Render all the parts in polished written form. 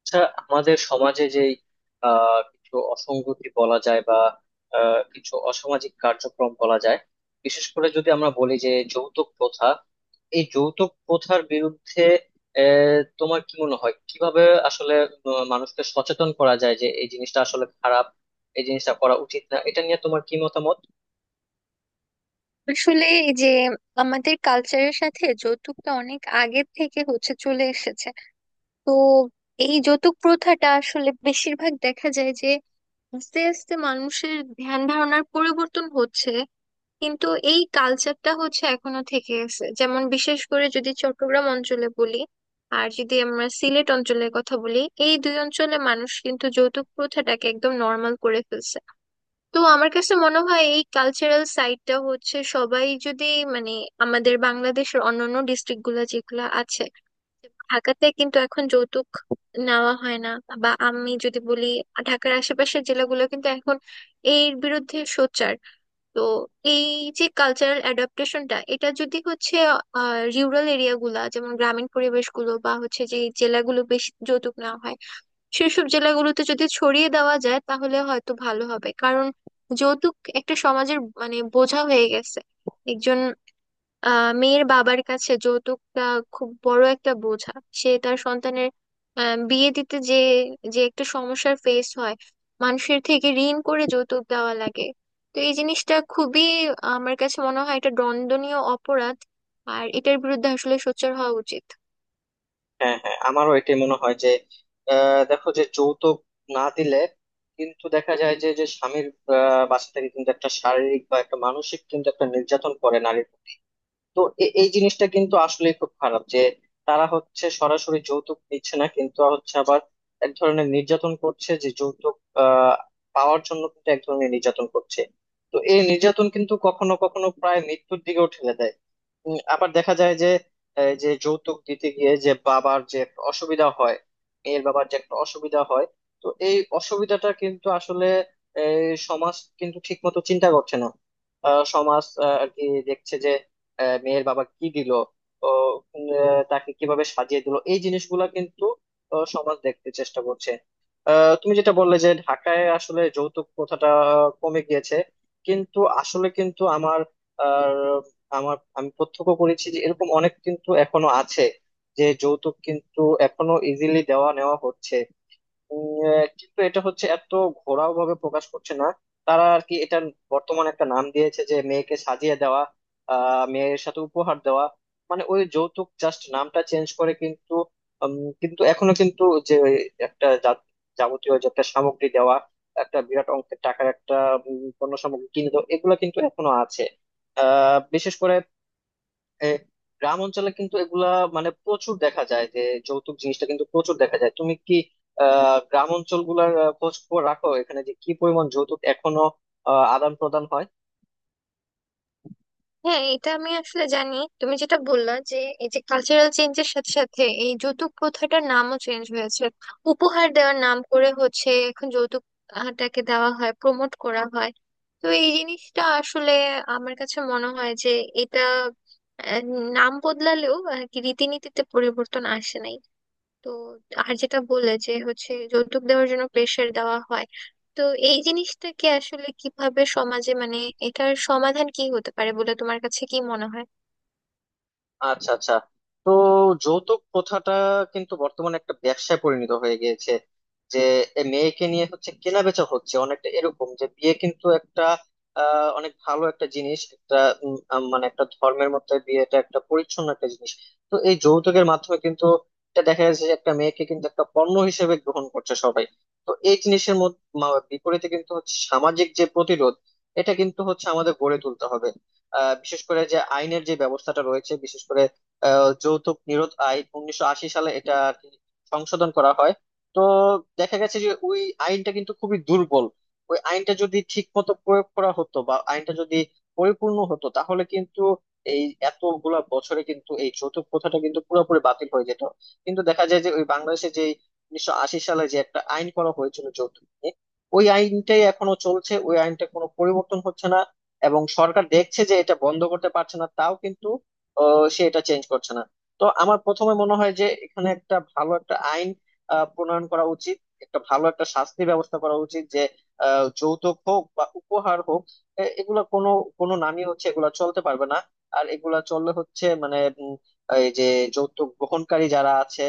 আচ্ছা, আমাদের সমাজে যেই কিছু অসঙ্গতি বলা যায় বা কিছু অসামাজিক কার্যক্রম বলা যায়। বিশেষ করে যদি আমরা বলি যে যৌতুক প্রথা, এই যৌতুক প্রথার বিরুদ্ধে তোমার কি মনে হয় কিভাবে আসলে মানুষকে সচেতন করা যায় যে এই জিনিসটা আসলে খারাপ, এই জিনিসটা করা উচিত না, এটা নিয়ে তোমার কি মতামত? আসলে এই যে আমাদের কালচারের সাথে যৌতুকটা অনেক আগের থেকে হচ্ছে চলে এসেছে। তো এই যৌতুক প্রথাটা আসলে বেশিরভাগ দেখা যায় যে আস্তে আস্তে মানুষের ধ্যান ধারণার পরিবর্তন হচ্ছে, কিন্তু এই কালচারটা হচ্ছে এখনো থেকে আছে, যেমন বিশেষ করে যদি চট্টগ্রাম অঞ্চলে বলি আর যদি আমরা সিলেট অঞ্চলের কথা বলি, এই দুই অঞ্চলে মানুষ কিন্তু যৌতুক প্রথাটাকে একদম নর্মাল করে ফেলছে। তো আমার কাছে মনে হয় এই কালচারাল সাইডটা হচ্ছে, সবাই যদি মানে আমাদের বাংলাদেশের অন্যান্য ডিস্ট্রিক্ট গুলা যেগুলো আছে, ঢাকাতে কিন্তু এখন যৌতুক নেওয়া হয় না, বা আমি যদি বলি ঢাকার আশেপাশের জেলাগুলো কিন্তু এখন এর বিরুদ্ধে সোচ্চার। তো এই যে কালচারাল অ্যাডাপ্টেশনটা এটা যদি হচ্ছে রুরাল এরিয়াগুলা যেমন গ্রামীণ পরিবেশগুলো বা হচ্ছে যে জেলাগুলো বেশি যৌতুক নেওয়া হয়, সেসব জেলাগুলোতে যদি ছড়িয়ে দেওয়া যায় তাহলে হয়তো ভালো হবে। কারণ যৌতুক একটা সমাজের মানে বোঝা হয়ে গেছে। একজন মেয়ের বাবার কাছে যৌতুকটা খুব বড় একটা বোঝা। সে তার সন্তানের বিয়ে দিতে যে যে একটা সমস্যার ফেস হয়, মানুষের থেকে ঋণ করে যৌতুক দেওয়া লাগে। তো এই জিনিসটা খুবই, আমার কাছে মনে হয় এটা দণ্ডনীয় অপরাধ, আর এটার বিরুদ্ধে আসলে সোচ্চার হওয়া উচিত। হ্যাঁ হ্যাঁ, আমারও এটাই মনে হয় যে দেখো যে যৌতুক না দিলে কিন্তু দেখা যায় যে যে স্বামীর বাসা থেকে কিন্তু একটা শারীরিক বা একটা মানসিক কিন্তু একটা নির্যাতন করে নারীর প্রতি। তো এই জিনিসটা কিন্তু আসলে খুব খারাপ যে তারা হচ্ছে সরাসরি যৌতুক দিচ্ছে না কিন্তু হচ্ছে আবার এক ধরনের নির্যাতন করছে, যে যৌতুক আহ পাওয়ার জন্য কিন্তু এক ধরনের নির্যাতন করছে। তো এই নির্যাতন কিন্তু কখনো কখনো প্রায় মৃত্যুর দিকেও ঠেলে দেয়। আবার দেখা যায় যে এই যে যৌতুক দিতে গিয়ে যে বাবার যে একটা অসুবিধা হয়, মেয়ের বাবার যে একটা অসুবিধা হয়। তো এই অসুবিধাটা কিন্তু আসলে এই সমাজ কিন্তু ঠিক মতো চিন্তা করছে না। সমাজ আর কি দেখছে যে মেয়ের বাবা কি দিল, ও তাকে কিভাবে সাজিয়ে দিল, এই জিনিসগুলা কিন্তু সমাজ দেখতে চেষ্টা করছে। তুমি যেটা বললে যে ঢাকায় আসলে যৌতুক প্রথাটা কমে গিয়েছে, কিন্তু আসলে কিন্তু আমার আমার আমি প্রত্যক্ষ করেছি যে এরকম অনেক কিন্তু এখনো আছে, যে যৌতুক কিন্তু এখনো ইজিলি দেওয়া নেওয়া হচ্ছে। কিন্তু এটা হচ্ছে এত ঘোরাও ভাবে প্রকাশ করছে না। তারা আর কি এটা বর্তমানে একটা নাম দিয়েছে যে মেয়েকে সাজিয়ে দেওয়া, মেয়ের সাথে উপহার দেওয়া, মানে ওই যৌতুক জাস্ট নামটা চেঞ্জ করে কিন্তু উম, কিন্তু এখনো কিন্তু যে ওই একটা যাবতীয় যে একটা সামগ্রী দেওয়া, একটা বিরাট অঙ্কের টাকার একটা পণ্য সামগ্রী কিনে দেওয়া, এগুলো কিন্তু এখনো আছে। বিশেষ করে এ, গ্রাম অঞ্চলে কিন্তু এগুলা মানে প্রচুর দেখা যায় যে যৌতুক জিনিসটা কিন্তু প্রচুর দেখা যায়। তুমি কি গ্রাম অঞ্চল গুলার খোঁজ খবর রাখো, এখানে যে কি পরিমাণ যৌতুক এখনো আদান প্রদান হয়? হ্যাঁ, এটা আমি আসলে জানি। তুমি যেটা বললা যে এই যে কালচারাল চেঞ্জের সাথে সাথে এই যৌতুক প্রথাটার নামও চেঞ্জ হয়েছে, উপহার দেওয়ার নাম করে হচ্ছে এখন যৌতুকটাকে দেওয়া হয়, প্রমোট করা হয়। তো এই জিনিসটা আসলে আমার কাছে মনে হয় যে এটা আহ, নাম বদলালেও আর কি রীতিনীতিতে পরিবর্তন আসে নাই। তো আর যেটা বললে যে হচ্ছে যৌতুক দেওয়ার জন্য প্রেশার দেওয়া হয়, তো এই জিনিসটাকে আসলে কিভাবে সমাজে মানে এটার সমাধান কি হতে পারে বলে তোমার কাছে কি মনে হয়? আচ্ছা আচ্ছা, তো যৌতুক প্রথাটা কিন্তু বর্তমানে একটা ব্যবসায় পরিণত হয়ে গিয়েছে, যে এ মেয়েকে নিয়ে হচ্ছে কেনা বেচা হচ্ছে অনেকটা এরকম। যে বিয়ে কিন্তু একটা অনেক ভালো একটা জিনিস, একটা মানে একটা ধর্মের মধ্যে বিয়েটা একটা পরিচ্ছন্ন একটা জিনিস। তো এই যৌতুকের মাধ্যমে কিন্তু এটা দেখা যাচ্ছে যে একটা মেয়েকে কিন্তু একটা পণ্য হিসেবে গ্রহণ করছে সবাই। তো এই জিনিসের মধ্যে বিপরীতে কিন্তু হচ্ছে সামাজিক যে প্রতিরোধ, এটা কিন্তু হচ্ছে আমাদের গড়ে তুলতে হবে। বিশেষ করে যে আইনের যে ব্যবস্থাটা রয়েছে, বিশেষ করে যৌতুক নিরোধ আইন 1980 সালে এটা আর কি সংশোধন করা হয়। তো দেখা গেছে যে ওই আইনটা কিন্তু খুবই দুর্বল। ওই আইনটা যদি ঠিক মতো প্রয়োগ করা হতো বা আইনটা যদি পরিপূর্ণ হতো তাহলে কিন্তু এই এতগুলা বছরে কিন্তু এই যৌতুক প্রথাটা কিন্তু পুরোপুরি বাতিল হয়ে যেত। কিন্তু দেখা যায় যে ওই বাংলাদেশে যে 1980 সালে যে একটা আইন করা হয়েছিল যৌতুক নিয়ে, ওই আইনটাই এখনো চলছে, ওই আইনটা কোনো পরিবর্তন হচ্ছে না। এবং সরকার দেখছে যে এটা বন্ধ করতে পারছে না, তাও কিন্তু সে এটা চেঞ্জ করছে না। তো আমার প্রথমে মনে হয় যে এখানে একটা ভালো একটা আইন প্রণয়ন করা উচিত, একটা ভালো একটা শাস্তির ব্যবস্থা করা উচিত যে যৌতুক হোক বা উপহার হোক এগুলা কোনো কোনো নামই হচ্ছে এগুলা চলতে পারবে না। আর এগুলা চললে হচ্ছে মানে উম, এই যে যৌতুক গ্রহণকারী যারা আছে,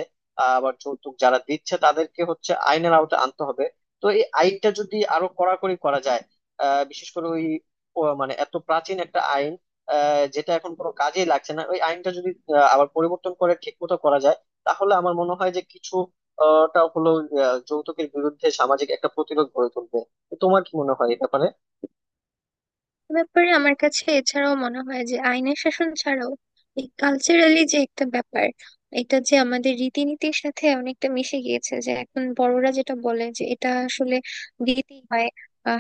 আবার যৌতুক যারা দিচ্ছে, তাদেরকে হচ্ছে আইনের আওতায় আনতে হবে। তো এই আইনটা যদি আরো কড়াকড়ি করা যায়, বিশেষ করে ওই ও মানে এত প্রাচীন একটা আইন যেটা এখন কোনো কাজেই লাগছে না, ওই আইনটা যদি আবার পরিবর্তন করে ঠিক মতো করা যায় তাহলে আমার মনে হয় যে কিছু টা হলো যৌতুকের বিরুদ্ধে সামাজিক একটা প্রতিরোধ গড়ে তুলবে। তো তোমার কি মনে হয় এই ব্যাপারে? এ ব্যাপারে আমার কাছে এছাড়াও মনে হয় যে আইনের শাসন ছাড়াও এই কালচারালি যে একটা ব্যাপার, এটা যে আমাদের রীতিনীতির সাথে অনেকটা মিশে গিয়েছে যে এখন বড়রা যেটা বলে যে এটা আসলে দিতেই হয়।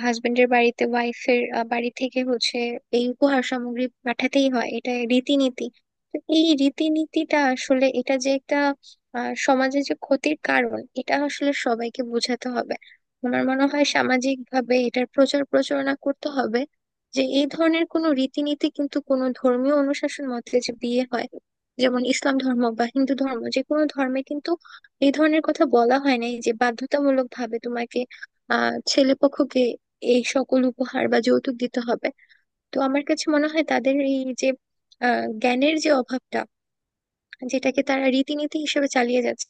হাজবেন্ডের বাড়িতে ওয়াইফের বাড়ি থেকে হচ্ছে এই উপহার সামগ্রী পাঠাতেই হয়, এটা রীতিনীতি। তো এই রীতিনীতিটা আসলে এটা যে একটা সমাজে যে ক্ষতির কারণ, এটা আসলে সবাইকে বোঝাতে হবে। আমার মনে হয় সামাজিক ভাবে এটার প্রচার প্রচারণা করতে হবে যে এই ধরনের কোনো রীতিনীতি কিন্তু কোনো ধর্মীয় অনুশাসন মতে যে বিয়ে হয় যেমন ইসলাম ধর্ম বা হিন্দু ধর্ম, যে কোনো ধর্মে কিন্তু এই ধরনের কথা বলা হয় নাই যে বাধ্যতামূলক ভাবে তোমাকে ছেলে পক্ষকে এই সকল উপহার বা যৌতুক দিতে হবে। তো আমার কাছে মনে হয় তাদের এই যে জ্ঞানের যে অভাবটা, যেটাকে তারা রীতিনীতি হিসেবে চালিয়ে যাচ্ছে,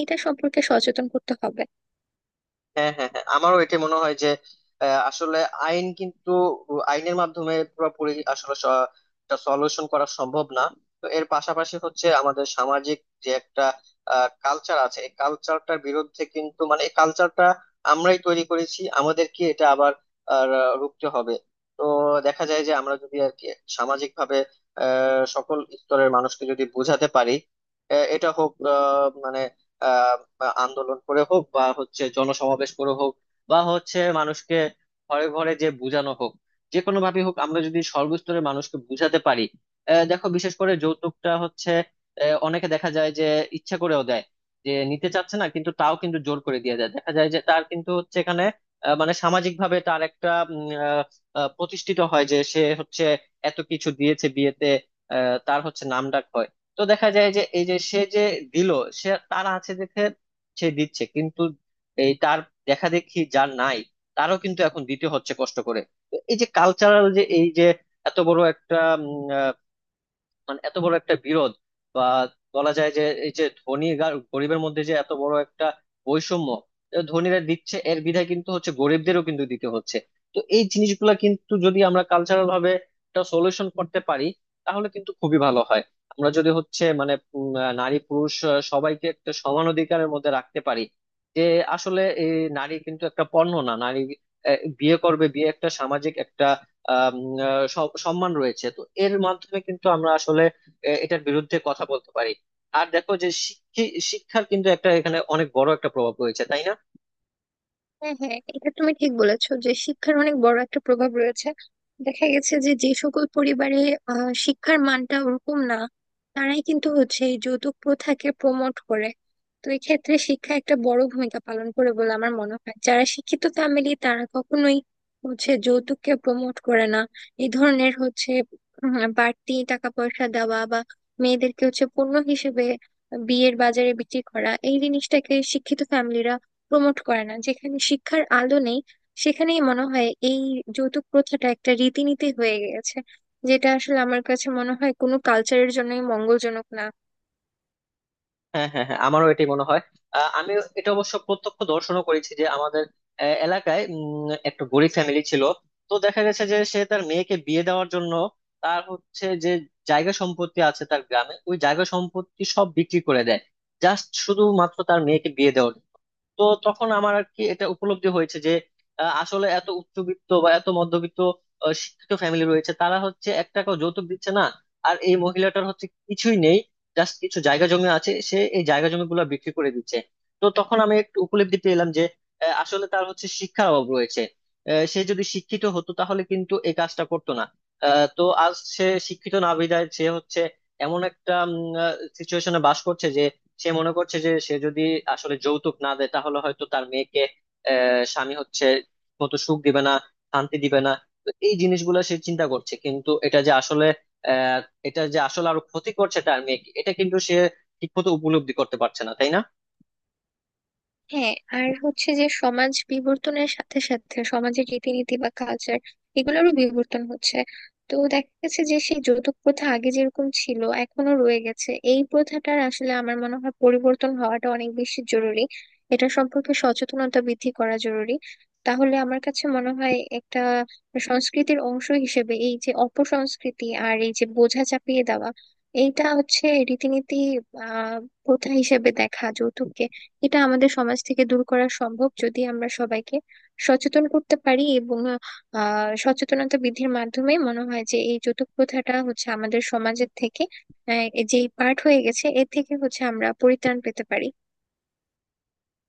এটা সম্পর্কে সচেতন করতে হবে। হ্যাঁ হ্যাঁ হ্যাঁ, আমারও এটা মনে হয় যে আসলে আইন কিন্তু আইনের মাধ্যমে পুরোপুরি আসলে সলিউশন করা সম্ভব না। তো এর পাশাপাশি হচ্ছে আমাদের সামাজিক যে একটা কালচার আছে, এই কালচারটার বিরুদ্ধে কিন্তু মানে এই কালচারটা আমরাই তৈরি করেছি, আমাদেরকে এটা আবার রুখতে হবে। তো দেখা যায় যে আমরা যদি আর কি সামাজিক ভাবে সকল স্তরের মানুষকে যদি বোঝাতে পারি, এটা হোক মানে বা আন্দোলন করে হোক বা হচ্ছে জনসমাবেশ করে হোক বা হচ্ছে মানুষকে ঘরে ঘরে যে বুঝানো হোক, যে কোনো ভাবে হোক আমরা যদি সর্বস্তরের মানুষকে বুঝাতে পারি। দেখো বিশেষ করে যৌতুকটা হচ্ছে অনেকে দেখা যায় যে ইচ্ছা করেও দেয়, যে নিতে চাচ্ছে না কিন্তু তাও কিন্তু জোর করে দিয়ে দেয়। দেখা যায় যে তার কিন্তু হচ্ছে এখানে মানে সামাজিক ভাবে তার একটা প্রতিষ্ঠিত হয় যে সে হচ্ছে এত কিছু দিয়েছে বিয়েতে, তার হচ্ছে নাম ডাক হয়। তো দেখা যায় যে এই যে সে যে দিল, সে তার আছে দেখে সে দিচ্ছে কিন্তু এই তার দেখা দেখি যার নাই, তারও কিন্তু এখন দিতে হচ্ছে কষ্ট করে। তো এই যে কালচারাল যে এই যে এত বড় একটা মানে এত বড় একটা বিরোধ বা বলা যায় যে এই যে ধনী আর গরিবের মধ্যে যে এত বড় একটা বৈষম্য, এ ধনীরা দিচ্ছে এর বিধায় কিন্তু হচ্ছে গরিবদেরও কিন্তু দিতে হচ্ছে। তো এই জিনিসগুলা কিন্তু যদি আমরা কালচারাল ভাবে একটা সলিউশন করতে পারি তাহলে কিন্তু খুবই ভালো হয়। আমরা যদি হচ্ছে মানে নারী পুরুষ সবাইকে একটা সমান অধিকারের মধ্যে রাখতে পারি যে আসলে এই নারী কিন্তু একটা পণ্য না, নারী বিয়ে করবে, বিয়ে একটা সামাজিক একটা আম, সম্মান রয়েছে। তো এর মাধ্যমে কিন্তু আমরা আসলে এটার বিরুদ্ধে কথা বলতে পারি। আর দেখো যে শিক্ষার কিন্তু একটা এখানে অনেক বড় একটা প্রভাব রয়েছে, তাই না? হ্যাঁ, হ্যাঁ, এটা তুমি ঠিক বলেছো যে শিক্ষার অনেক বড় একটা প্রভাব রয়েছে। দেখা গেছে যে যে সকল পরিবারে শিক্ষার মানটা ওরকম না, তারাই কিন্তু হচ্ছে এই যৌতুক প্রথাকে প্রমোট করে। তো এই ক্ষেত্রে শিক্ষা একটা বড় ভূমিকা পালন করে বলে আমার মনে হয়। যারা শিক্ষিত ফ্যামিলি তারা কখনোই হচ্ছে যৌতুককে প্রমোট করে না। এই ধরনের হচ্ছে বাড়তি টাকা পয়সা দেওয়া বা মেয়েদেরকে হচ্ছে পণ্য হিসেবে বিয়ের বাজারে বিক্রি করা, এই জিনিসটাকে শিক্ষিত ফ্যামিলিরা প্রমোট করে না। যেখানে শিক্ষার আলো নেই সেখানেই মনে হয় এই যৌতুক প্রথাটা একটা রীতিনীতি হয়ে গেছে, যেটা আসলে আমার কাছে মনে হয় কোনো কালচারের জন্যই মঙ্গলজনক না। হ্যাঁ হ্যাঁ হ্যাঁ, আমারও এটাই মনে হয়। আমি এটা অবশ্য প্রত্যক্ষ দর্শনও করেছি যে আমাদের এলাকায় একটা গরিব ফ্যামিলি ছিল। তো দেখা গেছে যে সে তার মেয়েকে বিয়ে দেওয়ার জন্য তার হচ্ছে যে জায়গা সম্পত্তি আছে তার গ্রামে, ওই জায়গা সম্পত্তি সব বিক্রি করে দেয় জাস্ট শুধুমাত্র তার মেয়েকে বিয়ে দেওয়ার জন্য। তো তখন আমার আর কি এটা উপলব্ধি হয়েছে যে আসলে এত উচ্চবিত্ত বা এত মধ্যবিত্ত শিক্ষিত ফ্যামিলি রয়েছে, তারা হচ্ছে এক টাকাও যৌতুক দিচ্ছে না। আর এই মহিলাটার হচ্ছে কিছুই নেই, জাস্ট কিছু জায়গা জমি আছে, সে এই জায়গা জমি গুলো বিক্রি করে দিচ্ছে। তো তখন আমি একটু উপলব্ধি পেলাম যে আসলে তার হচ্ছে শিক্ষার অভাব রয়েছে। সে যদি শিক্ষিত হতো তাহলে কিন্তু এই কাজটা করতো না। তো আজ সে শিক্ষিত না বিধায় সে হচ্ছে এমন একটা সিচুয়েশনে বাস করছে। সে মনে করছে যে সে যদি আসলে যৌতুক না দেয় তাহলে হয়তো তার মেয়েকে স্বামী হচ্ছে মতো সুখ দিবে না, শান্তি দিবে না। তো এই জিনিসগুলো সে চিন্তা করছে, কিন্তু এটা যে আসলে আহ এটা যে আসলে আরো ক্ষতি করছে তার মেয়েকে, এটা কিন্তু সে ঠিক মতো উপলব্ধি করতে পারছে না, তাই না? হ্যাঁ, আর হচ্ছে যে সমাজ বিবর্তনের সাথে সাথে সমাজের রীতিনীতি বা কালচার এগুলোরও বিবর্তন হচ্ছে। তো দেখা গেছে যে সেই যৌতুক প্রথা আগে যেরকম ছিল এখনো রয়ে গেছে, এই প্রথাটার আসলে আমার মনে হয় পরিবর্তন হওয়াটা অনেক বেশি জরুরি, এটা সম্পর্কে সচেতনতা বৃদ্ধি করা জরুরি। তাহলে আমার কাছে মনে হয় একটা সংস্কৃতির অংশ হিসেবে এই যে অপসংস্কৃতি আর এই যে বোঝা চাপিয়ে দেওয়া, এইটা হচ্ছে রীতিনীতি আহ প্রথা হিসেবে দেখা যৌতুককে, এটা আমাদের সমাজ থেকে দূর করা সম্ভব যদি আমরা সবাইকে সচেতন করতে পারি। এবং সচেতনতা বৃদ্ধির মাধ্যমে মনে হয় যে এই যৌতুক প্রথাটা হচ্ছে আমাদের সমাজের থেকে যে পার্ট হয়ে গেছে এর থেকে হচ্ছে আমরা পরিত্রাণ পেতে পারি।